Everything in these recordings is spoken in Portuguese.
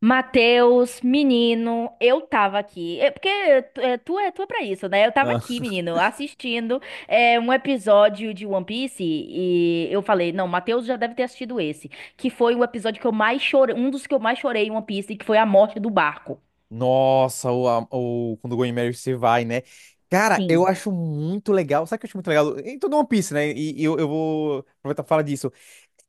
Mateus, menino, eu tava aqui. É porque tu é pra isso, né? Eu tava Ah. aqui, menino, assistindo um episódio de One Piece e eu falei, não, Mateus já deve ter assistido esse, que foi o episódio que eu mais chorei, um dos que eu mais chorei em One Piece, que foi a morte do barco. Nossa, o, a- o quando o Going Mary se vai, né? Cara, eu Sim. acho muito legal. Sabe o que eu acho muito legal? Em todo One Piece, né? E eu vou aproveitar e falar disso.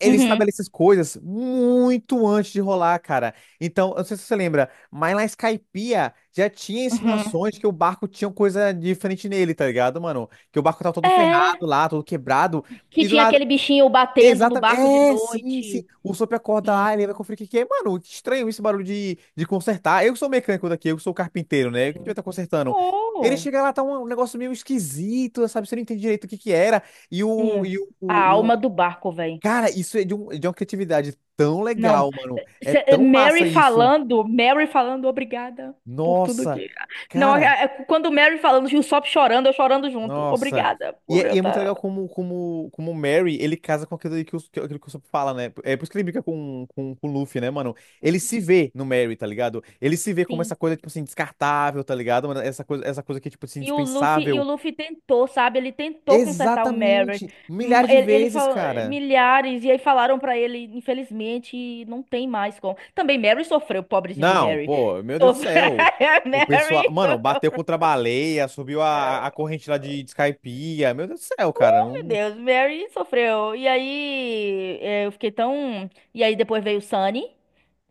Ele Uhum, estabelece as coisas muito antes de rolar, cara. Então, eu não sei se você lembra, mas na Skypiea já tinha uhum. insinuações que o barco tinha coisa diferente nele, tá ligado, mano? Que o barco tava todo É, ferrado lá, todo quebrado. que E do tinha nada. aquele bichinho batendo no Exatamente. barco de É, sim, sim. noite. O Sop acorda lá, ele vai conferir o que que é. Mano, que estranho esse barulho de consertar. Eu que sou mecânico daqui, eu que sou carpinteiro, né? O que devia Sim. estar consertando? Ele Oh. chega lá, tá um negócio meio esquisito, sabe? Você não entende direito o que que era. E o, É. e o, A o- e alma o... do barco, velho. Cara, isso é de uma criatividade tão Não, legal, mano. É tão massa Mary isso. falando, Mary falando, obrigada por tudo Nossa, que. Não, cara. Quando Mary falando, o Usopp chorando, eu chorando junto. Nossa. Obrigada E por é, eu e é muito estar. legal como o Merry, ele casa com aquilo que o Sop fala, né? É por isso que ele brinca com o Luffy, né, mano? Ele se vê no Merry, tá ligado? Ele se vê como Sim. essa coisa, tipo assim, descartável, tá ligado? Mano, essa coisa que é, tipo assim, E o Luffy, e o indispensável. Luffy tentou, sabe? Ele tentou consertar o Mary. Exatamente. Hum. Milhares de Ele vezes, falou cara. milhares, e aí falaram pra ele, infelizmente, não tem mais como. Também Mary sofreu, pobrezinho do Não, Mary. pô, meu Deus do Sof- céu. O Mary pessoal, mano, bateu sofreu. contra a baleia, subiu a corrente lá de Skypiea. Meu Deus do céu, cara. Meu Não... Deus, Mary sofreu. E aí, eu fiquei tão. E aí depois veio o Sunny.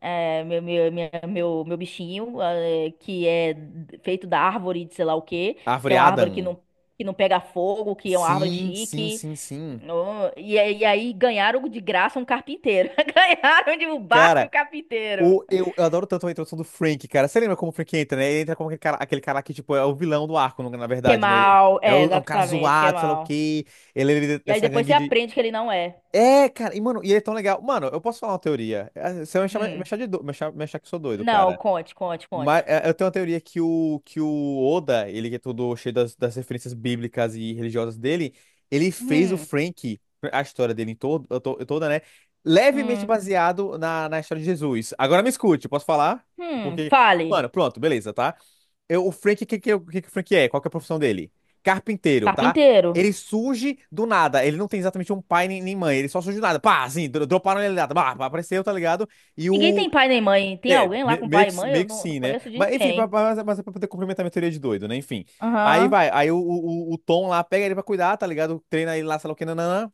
É, meu bichinho, que é feito da árvore de sei lá o quê, que é Árvore uma árvore que Adam. não, que não pega fogo, que é uma árvore Sim, sim, chique. sim, sim. Oh, e aí ganharam de graça um carpinteiro. Ganharam de um barco e o Cara, carpinteiro. eu adoro tanto a introdução do Frank, cara. Você lembra como o Frank entra, né? Ele entra como aquele cara que, tipo, é o vilão do arco, na Que é verdade, né? Ele mal, é, é, o- é um cara exatamente, que é zoado, sei lá o mal. quê. Ele é líder E aí dessa depois você gangue de. aprende que ele não é. É, cara, e, mano, e ele é tão legal. Mano, eu posso falar uma teoria. É, você vai me chamar- me Hum. achar, de do... me achar que eu sou doido, Não, cara. conte, conte, Mas conte. é, eu tenho uma teoria que o Oda, ele que é todo cheio das referências bíblicas e religiosas dele, ele fez o Hum, Frank, a história dele em toda, né? Levemente hum, baseado na história de Jesus. Agora me escute, posso falar? Porque, fale. mano, pronto, beleza, tá? Eu, o Frank, o que que o Frank é? Qual que é a profissão dele? Carpinteiro, tá? Carpinteiro. Ele surge do nada. Ele não tem exatamente um pai nem mãe. Ele só surge do nada. Pá, assim, droparam ele do nada. Pá, apareceu, tá ligado? E Ninguém o, tem pai nem mãe. Tem alguém lá com meio pai e que, mãe? Eu meio que não, não sim, né? conheço de Mas enfim, pra, ninguém. pra- mas, mas é pra poder complementar a minha teoria de doido, né? Enfim. Aí Aham, vai, aí o Tom lá pega ele pra cuidar, tá ligado? Treina ele lá, sei lá o que, nananã.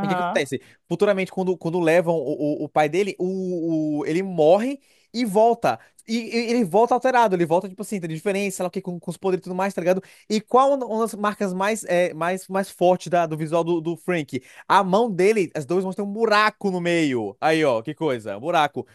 O que que acontece? Futuramente, quando levam o, o pai dele, ele morre e volta. E, e ele volta alterado, ele volta, tipo assim, tá de diferença, sei lá o que, com os poderes e tudo mais, tá ligado? E qual é uma das marcas mais fortes da, do visual do Frank? A mão dele, as duas mãos têm um buraco no meio. Aí, ó, que coisa, um buraco.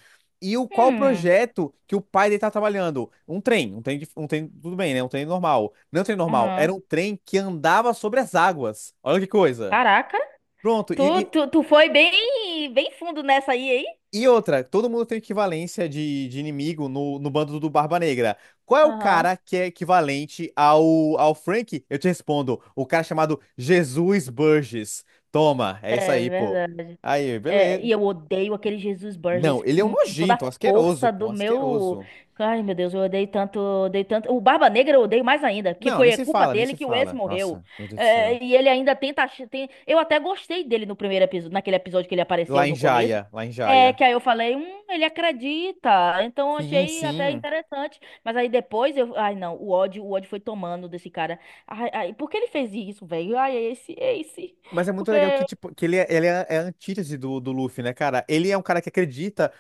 Qual o Hum, projeto que o pai dele tá trabalhando? Um trem, tudo bem, né? Um trem normal. Não é um trem normal, aham. era um trem que andava sobre as águas. Olha que coisa. Caraca, Pronto, tu, e, tu, tu foi bem, bem fundo nessa aí, hein? E outra, todo mundo tem equivalência de inimigo no bando do Barba Negra. Qual é o Aham. cara que é equivalente ao Frank? Eu te respondo, o cara chamado Jesus Burgess. Toma, é isso É aí, pô. verdade. Aí, É, beleza. e eu odeio aquele Jesus Não, Burgess ele é um com toda nojento, um a asqueroso, força pô, um do meu. asqueroso. Ai, meu Deus, eu odeio tanto, odeio tanto. O Barba Negra eu odeio mais ainda, que Não, nem foi a se culpa fala, nem dele se que o Wes fala. morreu. Nossa, meu Deus do céu. É, e ele ainda tenta. Eu até gostei dele no primeiro episódio, naquele episódio que ele apareceu Lá em no começo. Jaya, lá em É, Jaya. que aí eu falei, ele acredita. Então eu Sim, achei até sim. interessante. Mas aí depois eu. Ai, não, o ódio foi tomando desse cara. Ai, ai, por que ele fez isso, velho? Ai, é esse, é esse. Mas é muito Porque. legal que, tipo, que é a antítese do Luffy, né, cara? Ele é um cara que acredita.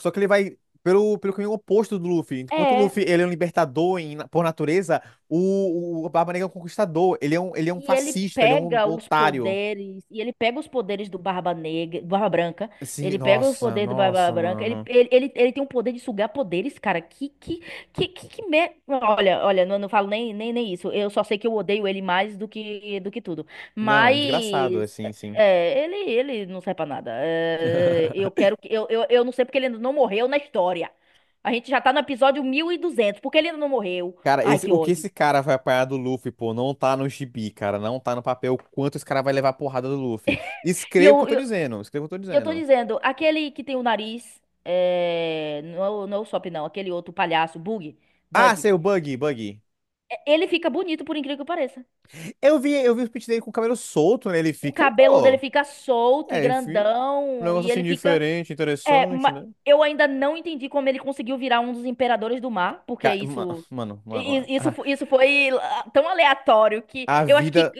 Só que ele vai pelo caminho oposto do Luffy. Enquanto o É. Luffy ele é um libertador por natureza, o Barba Negra é um conquistador. Ele é um e ele fascista, ele é um pega os otário. poderes, e ele pega os poderes do Barba Negra, do Barba Branca, Assim, ele pega os nossa, poderes do Barba nossa, Branca. ele, mano. ele, ele, ele tem um poder de sugar poderes, cara, Olha, olha, não, não falo nem, nem isso, eu só sei que eu odeio ele mais do que tudo, Não, desgraçado, mas, assim, sim. Ele não serve pra nada. É, eu não sei porque ele ainda não morreu na história, a gente já tá no episódio 1.200 porque ele ainda não morreu, Cara, ai que o que ódio. esse cara vai apanhar do Luffy, pô, não tá no gibi, cara. Não tá no papel o quanto esse cara vai levar a porrada do Luffy. E Escreva o que eu eu, tô dizendo, escreva o que eu tô E eu tô dizendo. dizendo, aquele que tem o nariz, é, não, não é o Sop não, aquele outro palhaço, Bug, Ah, Bug, sei, o Buggy, Buggy. é, ele fica bonito por incrível que pareça. Eu vi o speech dele com o cabelo solto, né? Ele O fica, cabelo dele pô. fica solto e É, enfim. Um grandão, negócio e assim ele fica... diferente, É, interessante, né? eu ainda não entendi como ele conseguiu virar um dos imperadores do mar, porque Ca- ma- isso... Mano, mano, Isso, a, isso foi tão aleatório que a eu acho que... vida,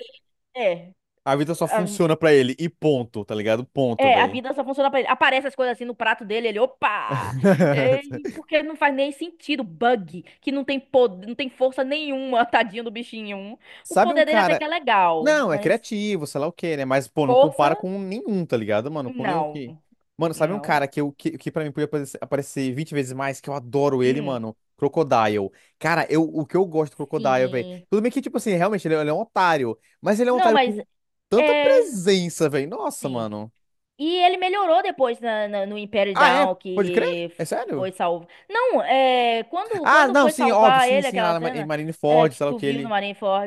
É. a vida só funciona pra ele. E ponto, tá ligado? Ponto, É, a velho. vida só funciona pra ele. Aparece as coisas assim no prato dele, ele, opa! É, porque não faz nem sentido. Bug, que não tem poder, não tem força nenhuma, tadinho do bichinho. O Sabe um poder dele até que cara. é legal, Não, é mas criativo, sei lá o quê, né? Mas, pô, não força, compara com nenhum, tá ligado, mano? Com nenhum não. que. Mano, sabe um Não. cara que pra mim podia aparecer 20 vezes mais, que eu adoro ele, Hum, mano? Crocodile. Cara, o que eu gosto do Crocodile, velho. sim. Tudo bem que, tipo assim, realmente ele é um otário. Mas ele é um Não, otário mas com tanta é. presença, velho. Nossa, Sim. mano. E ele melhorou depois no Império Ah, é? Down, Pode crer? que É sério? foi salvo. Não, é. Quando, Ah, quando não, foi sim, óbvio, salvar sim, ele, sim, lá aquela em cena Marineford, que sei lá o tu que viu no ele.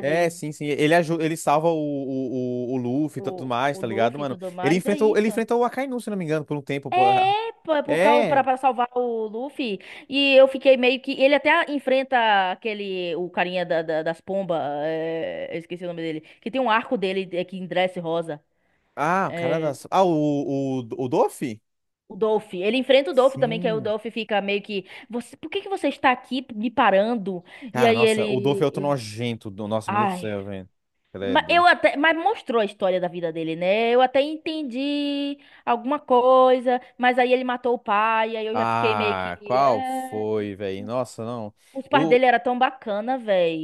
É, sim, sim. Ele ajuda, ele salva o Luffy e tudo o, mais, o tá ligado, Luffy e mano? tudo Ele mais, é enfrentou, ele isso. enfrentou o Akainu, se não me engano, por um tempo. Pô. É, pô, é por causa pra, É. pra salvar o Luffy. E eu fiquei meio que. Ele até enfrenta aquele. O carinha da, das pombas. Eu esqueci o nome dele. Que tem um arco dele é, que endurece rosa. Ah, o cara da. É, Ah, o Doffy? o Dolph. Ele enfrenta o Dolph também, que aí o Sim. Dolph fica meio que. Você, por que que você está aqui me parando? E Cara, aí nossa, o Doffy é outro ele. nojento. Nossa, meu Deus do Ai, céu, velho. Mas Credo. eu até, mas mostrou a história da vida dele, né? Eu até entendi alguma coisa, mas aí ele matou o pai, aí eu já fiquei meio Ah, que, qual é... foi, velho? Nossa, não. os pais O. dele era tão bacana, velho.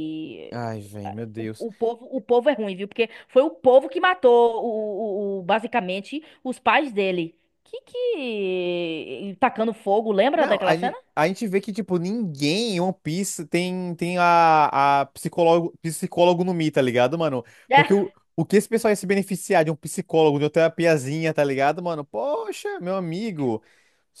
Ai, velho, meu O, Deus. o povo é ruim, viu? Porque foi o povo que matou basicamente os pais dele. Que tacando fogo, lembra Não, daquela cena? a gente vê que, tipo, ninguém em One Piece tem, tem a psicólogo, psicólogo no Mi, tá ligado, mano? Porque É. o que esse pessoal ia se beneficiar de um psicólogo, de uma terapiazinha, tá ligado, mano? Poxa, meu amigo.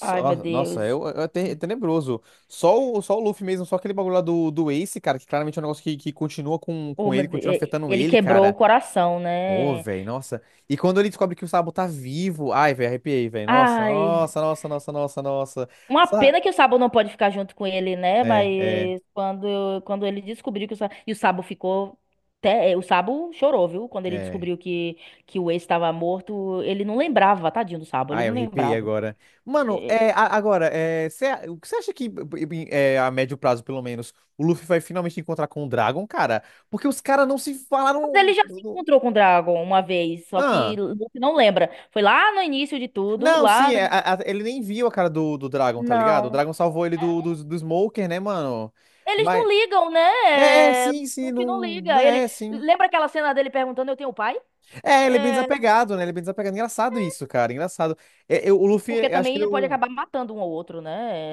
Ai, meu nossa, Deus. É tenebroso. Só o, só o Luffy mesmo, só aquele bagulho lá do Ace, cara, que claramente é um negócio que continua com, Oh, com meu ele, continua Deus. afetando Ele ele, quebrou o cara. coração, Pô, né? velho, nossa. E quando ele descobre que o Sabo tá vivo. Ai, velho, arrepiei, velho. Nossa, Ai. nossa, nossa, nossa, nossa, nossa. Uma pena que o Sabo não pode ficar junto com ele, né? É, é, Mas quando ele descobriu que o Sabo... E o Sabo ficou... Até... é, o Sabo chorou, viu? Quando ele é. descobriu que o ex estava morto, ele não lembrava, tadinho do Sabo, ele Ah, não eu arrepiei lembrava. agora. Mano, É, agora, o que você acha que, a médio prazo, pelo menos, o Luffy vai finalmente encontrar com o Dragon, cara? Porque os caras não se mas falaram. ele já se encontrou com o Dragon uma vez, só que Ah. Luffy não lembra. Foi lá no início de tudo, Não, sim, lá... no- ele nem viu a cara do Dragon, tá ligado? O Não. Dragon salvou ele do Smoker, né, mano? Eles Mas. não ligam, né? É, É, sim, sim, Luffy não não. liga. Ele... É, sim. Lembra aquela cena dele perguntando, eu tenho pai? É, ele é bem É, desapegado, né? Ele é bem desapegado. Engraçado isso, cara. Engraçado. É, o Luffy, porque eu acho também que ele. ele pode acabar matando um ao outro,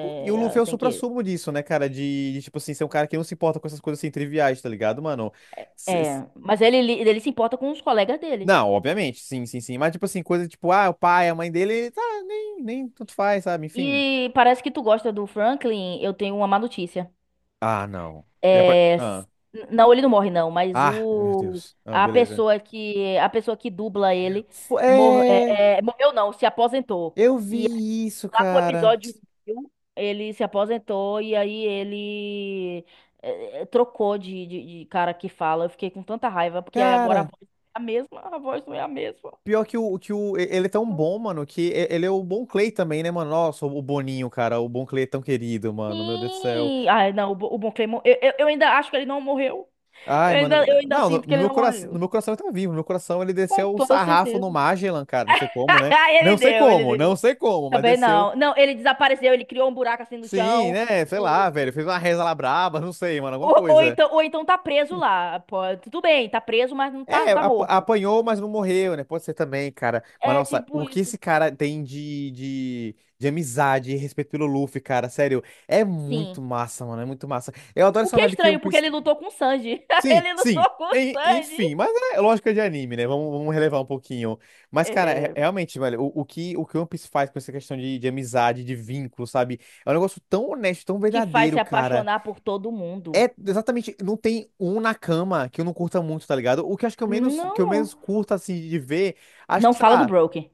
E o Luffy É, é o sem querer. suprassumo disso, né, cara? De, tipo assim, ser um cara que não se importa com essas coisas assim triviais, tá ligado, mano? Se- É, se- mas ele se importa com os colegas dele. Não, obviamente, sim, sim, sim. Mas, tipo assim, coisa tipo, ah, o pai, a mãe dele, tá, nem tanto faz, sabe? Enfim. E parece que tu gosta do Franklin, eu tenho uma má notícia. Ah, não. É, Ah. Não, ele não morre não, mas Ah, meu o Deus. Ah, a beleza. pessoa que a pessoa que dubla ele É. Morreu não, se aposentou. Eu E vi isso, lá pro cara. episódio 1000, ele se aposentou e aí ele trocou de cara que fala. Eu fiquei com tanta raiva, porque aí agora a Cara. voz é a mesma, a voz não é a mesma. Pior que o. Ele é tão bom, mano, que ele é o bom Clay também, né, mano? Nossa, o Boninho, cara. O bom Clay é tão querido, mano. Meu Deus do céu. Sim! Ai, não, o, o Bon Claymore, eu ainda acho que ele não morreu. Ai, Eu ainda, mano. eu ainda Não, no, sinto que no ele meu não coração, no morreu. meu coração ele tá vivo. No meu coração ele Com desceu o toda sarrafo no certeza. Magellan, cara. Não sei como, né? Ah, Não ele sei deu, ele como, não deu. sei como, mas Também desceu. não. Não, ele desapareceu, ele criou um buraco assim no Sim, chão. né? Sei e- lá, velho. e- Fez uma reza lá braba, não sei, mano, alguma Ou, ou coisa. então, ou então tá preso lá. Pô, tudo bem, tá preso, mas não tá, É, tá ap- morto. apanhou, mas não morreu, né? Pode ser também, cara. Mas É nossa, tipo o que isso. esse cara tem de amizade e respeito pelo Luffy, cara, sério, é Sim. muito massa, mano. É muito massa. Eu adoro O essa que é vibe que One estranho, porque Piece. ele lutou com o Sanji. Sim, Ele sim. lutou com o En- Sanji. Enfim, mas é lógica de anime, né? Vamos, vamos relevar um pouquinho. Mas, cara, É, realmente, velho, o que One Piece faz com essa questão de amizade, de vínculo, sabe? É um negócio tão honesto, tão te faz verdadeiro, se cara. apaixonar por todo É mundo. exatamente, não tem um na cama que eu não curta muito, tá ligado? O que eu acho que eu menos, Não. curto, assim, de ver, acho que, Não sei fala do lá. Brook.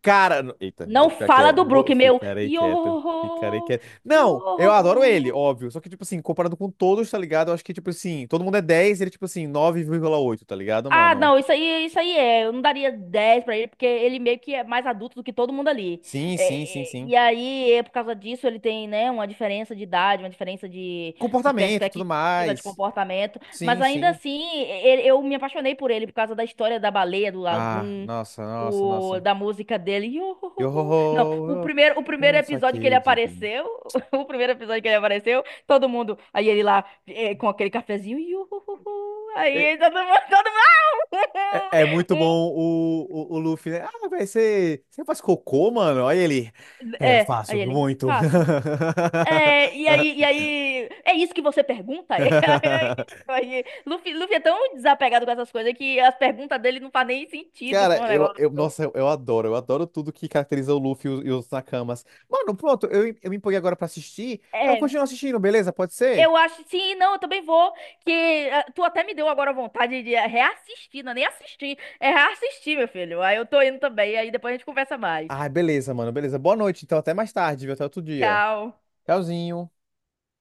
Cara, eita, vou Não ficar fala do quieto. Brook, meu. Ficarei quieto. Ficarei Yo, quieto. Não, eu adoro ele, yo. óbvio. Só que, tipo assim, comparado com todos, tá ligado? Eu acho que, tipo assim, todo mundo é 10, ele, tipo assim, 9,8, tá ligado, Ah, mano? não, isso aí é. Eu não daria 10 pra ele, porque ele meio que é mais adulto do que todo mundo ali. Sim, sim, sim, É, é, sim. e aí, é por causa disso, ele tem, né, uma diferença de idade, uma diferença de Comportamento, tudo perspectiva, de mais. comportamento. Mas Sim, ainda sim. assim, eu me apaixonei por ele por causa da história da baleia, do Ah, lagoon, nossa, nossa, do- nossa. da música dele. Yo, ho, Iuhuhuhu. Não, o ho, primeiro, o primeiro um episódio que ele saque de vinho. apareceu, o primeiro episódio que ele apareceu, todo mundo, aí ele lá, com aquele cafezinho, iuhuhuhu. É, Aí todo mundo. É muito bom Um, o Luffy, né? Ah, velho, você faz cocô, mano? Olha ele. É, eu é, aí faço ele, muito. faço. É, e aí, e aí, é isso que você pergunta? Aí, Luffy, Luffy é tão desapegado com essas coisas que as perguntas dele não fazem nem sentido com Cara, o negócio. eu, nossa, eu adoro tudo que caracteriza o Luffy e os, Nakamas. Mano, pronto, eu me empolguei agora pra assistir. Eu É, continuo assistindo, beleza? Pode ser? eu acho, sim, não, eu também vou, que ah, tu até me deu agora vontade de reassistir, não é nem assistir, é reassistir, meu filho. Aí eu tô indo também, aí depois a gente conversa mais. Ah, beleza, mano, beleza. Boa noite, então, até mais tarde, viu? Até outro dia. Tchau. Tchauzinho.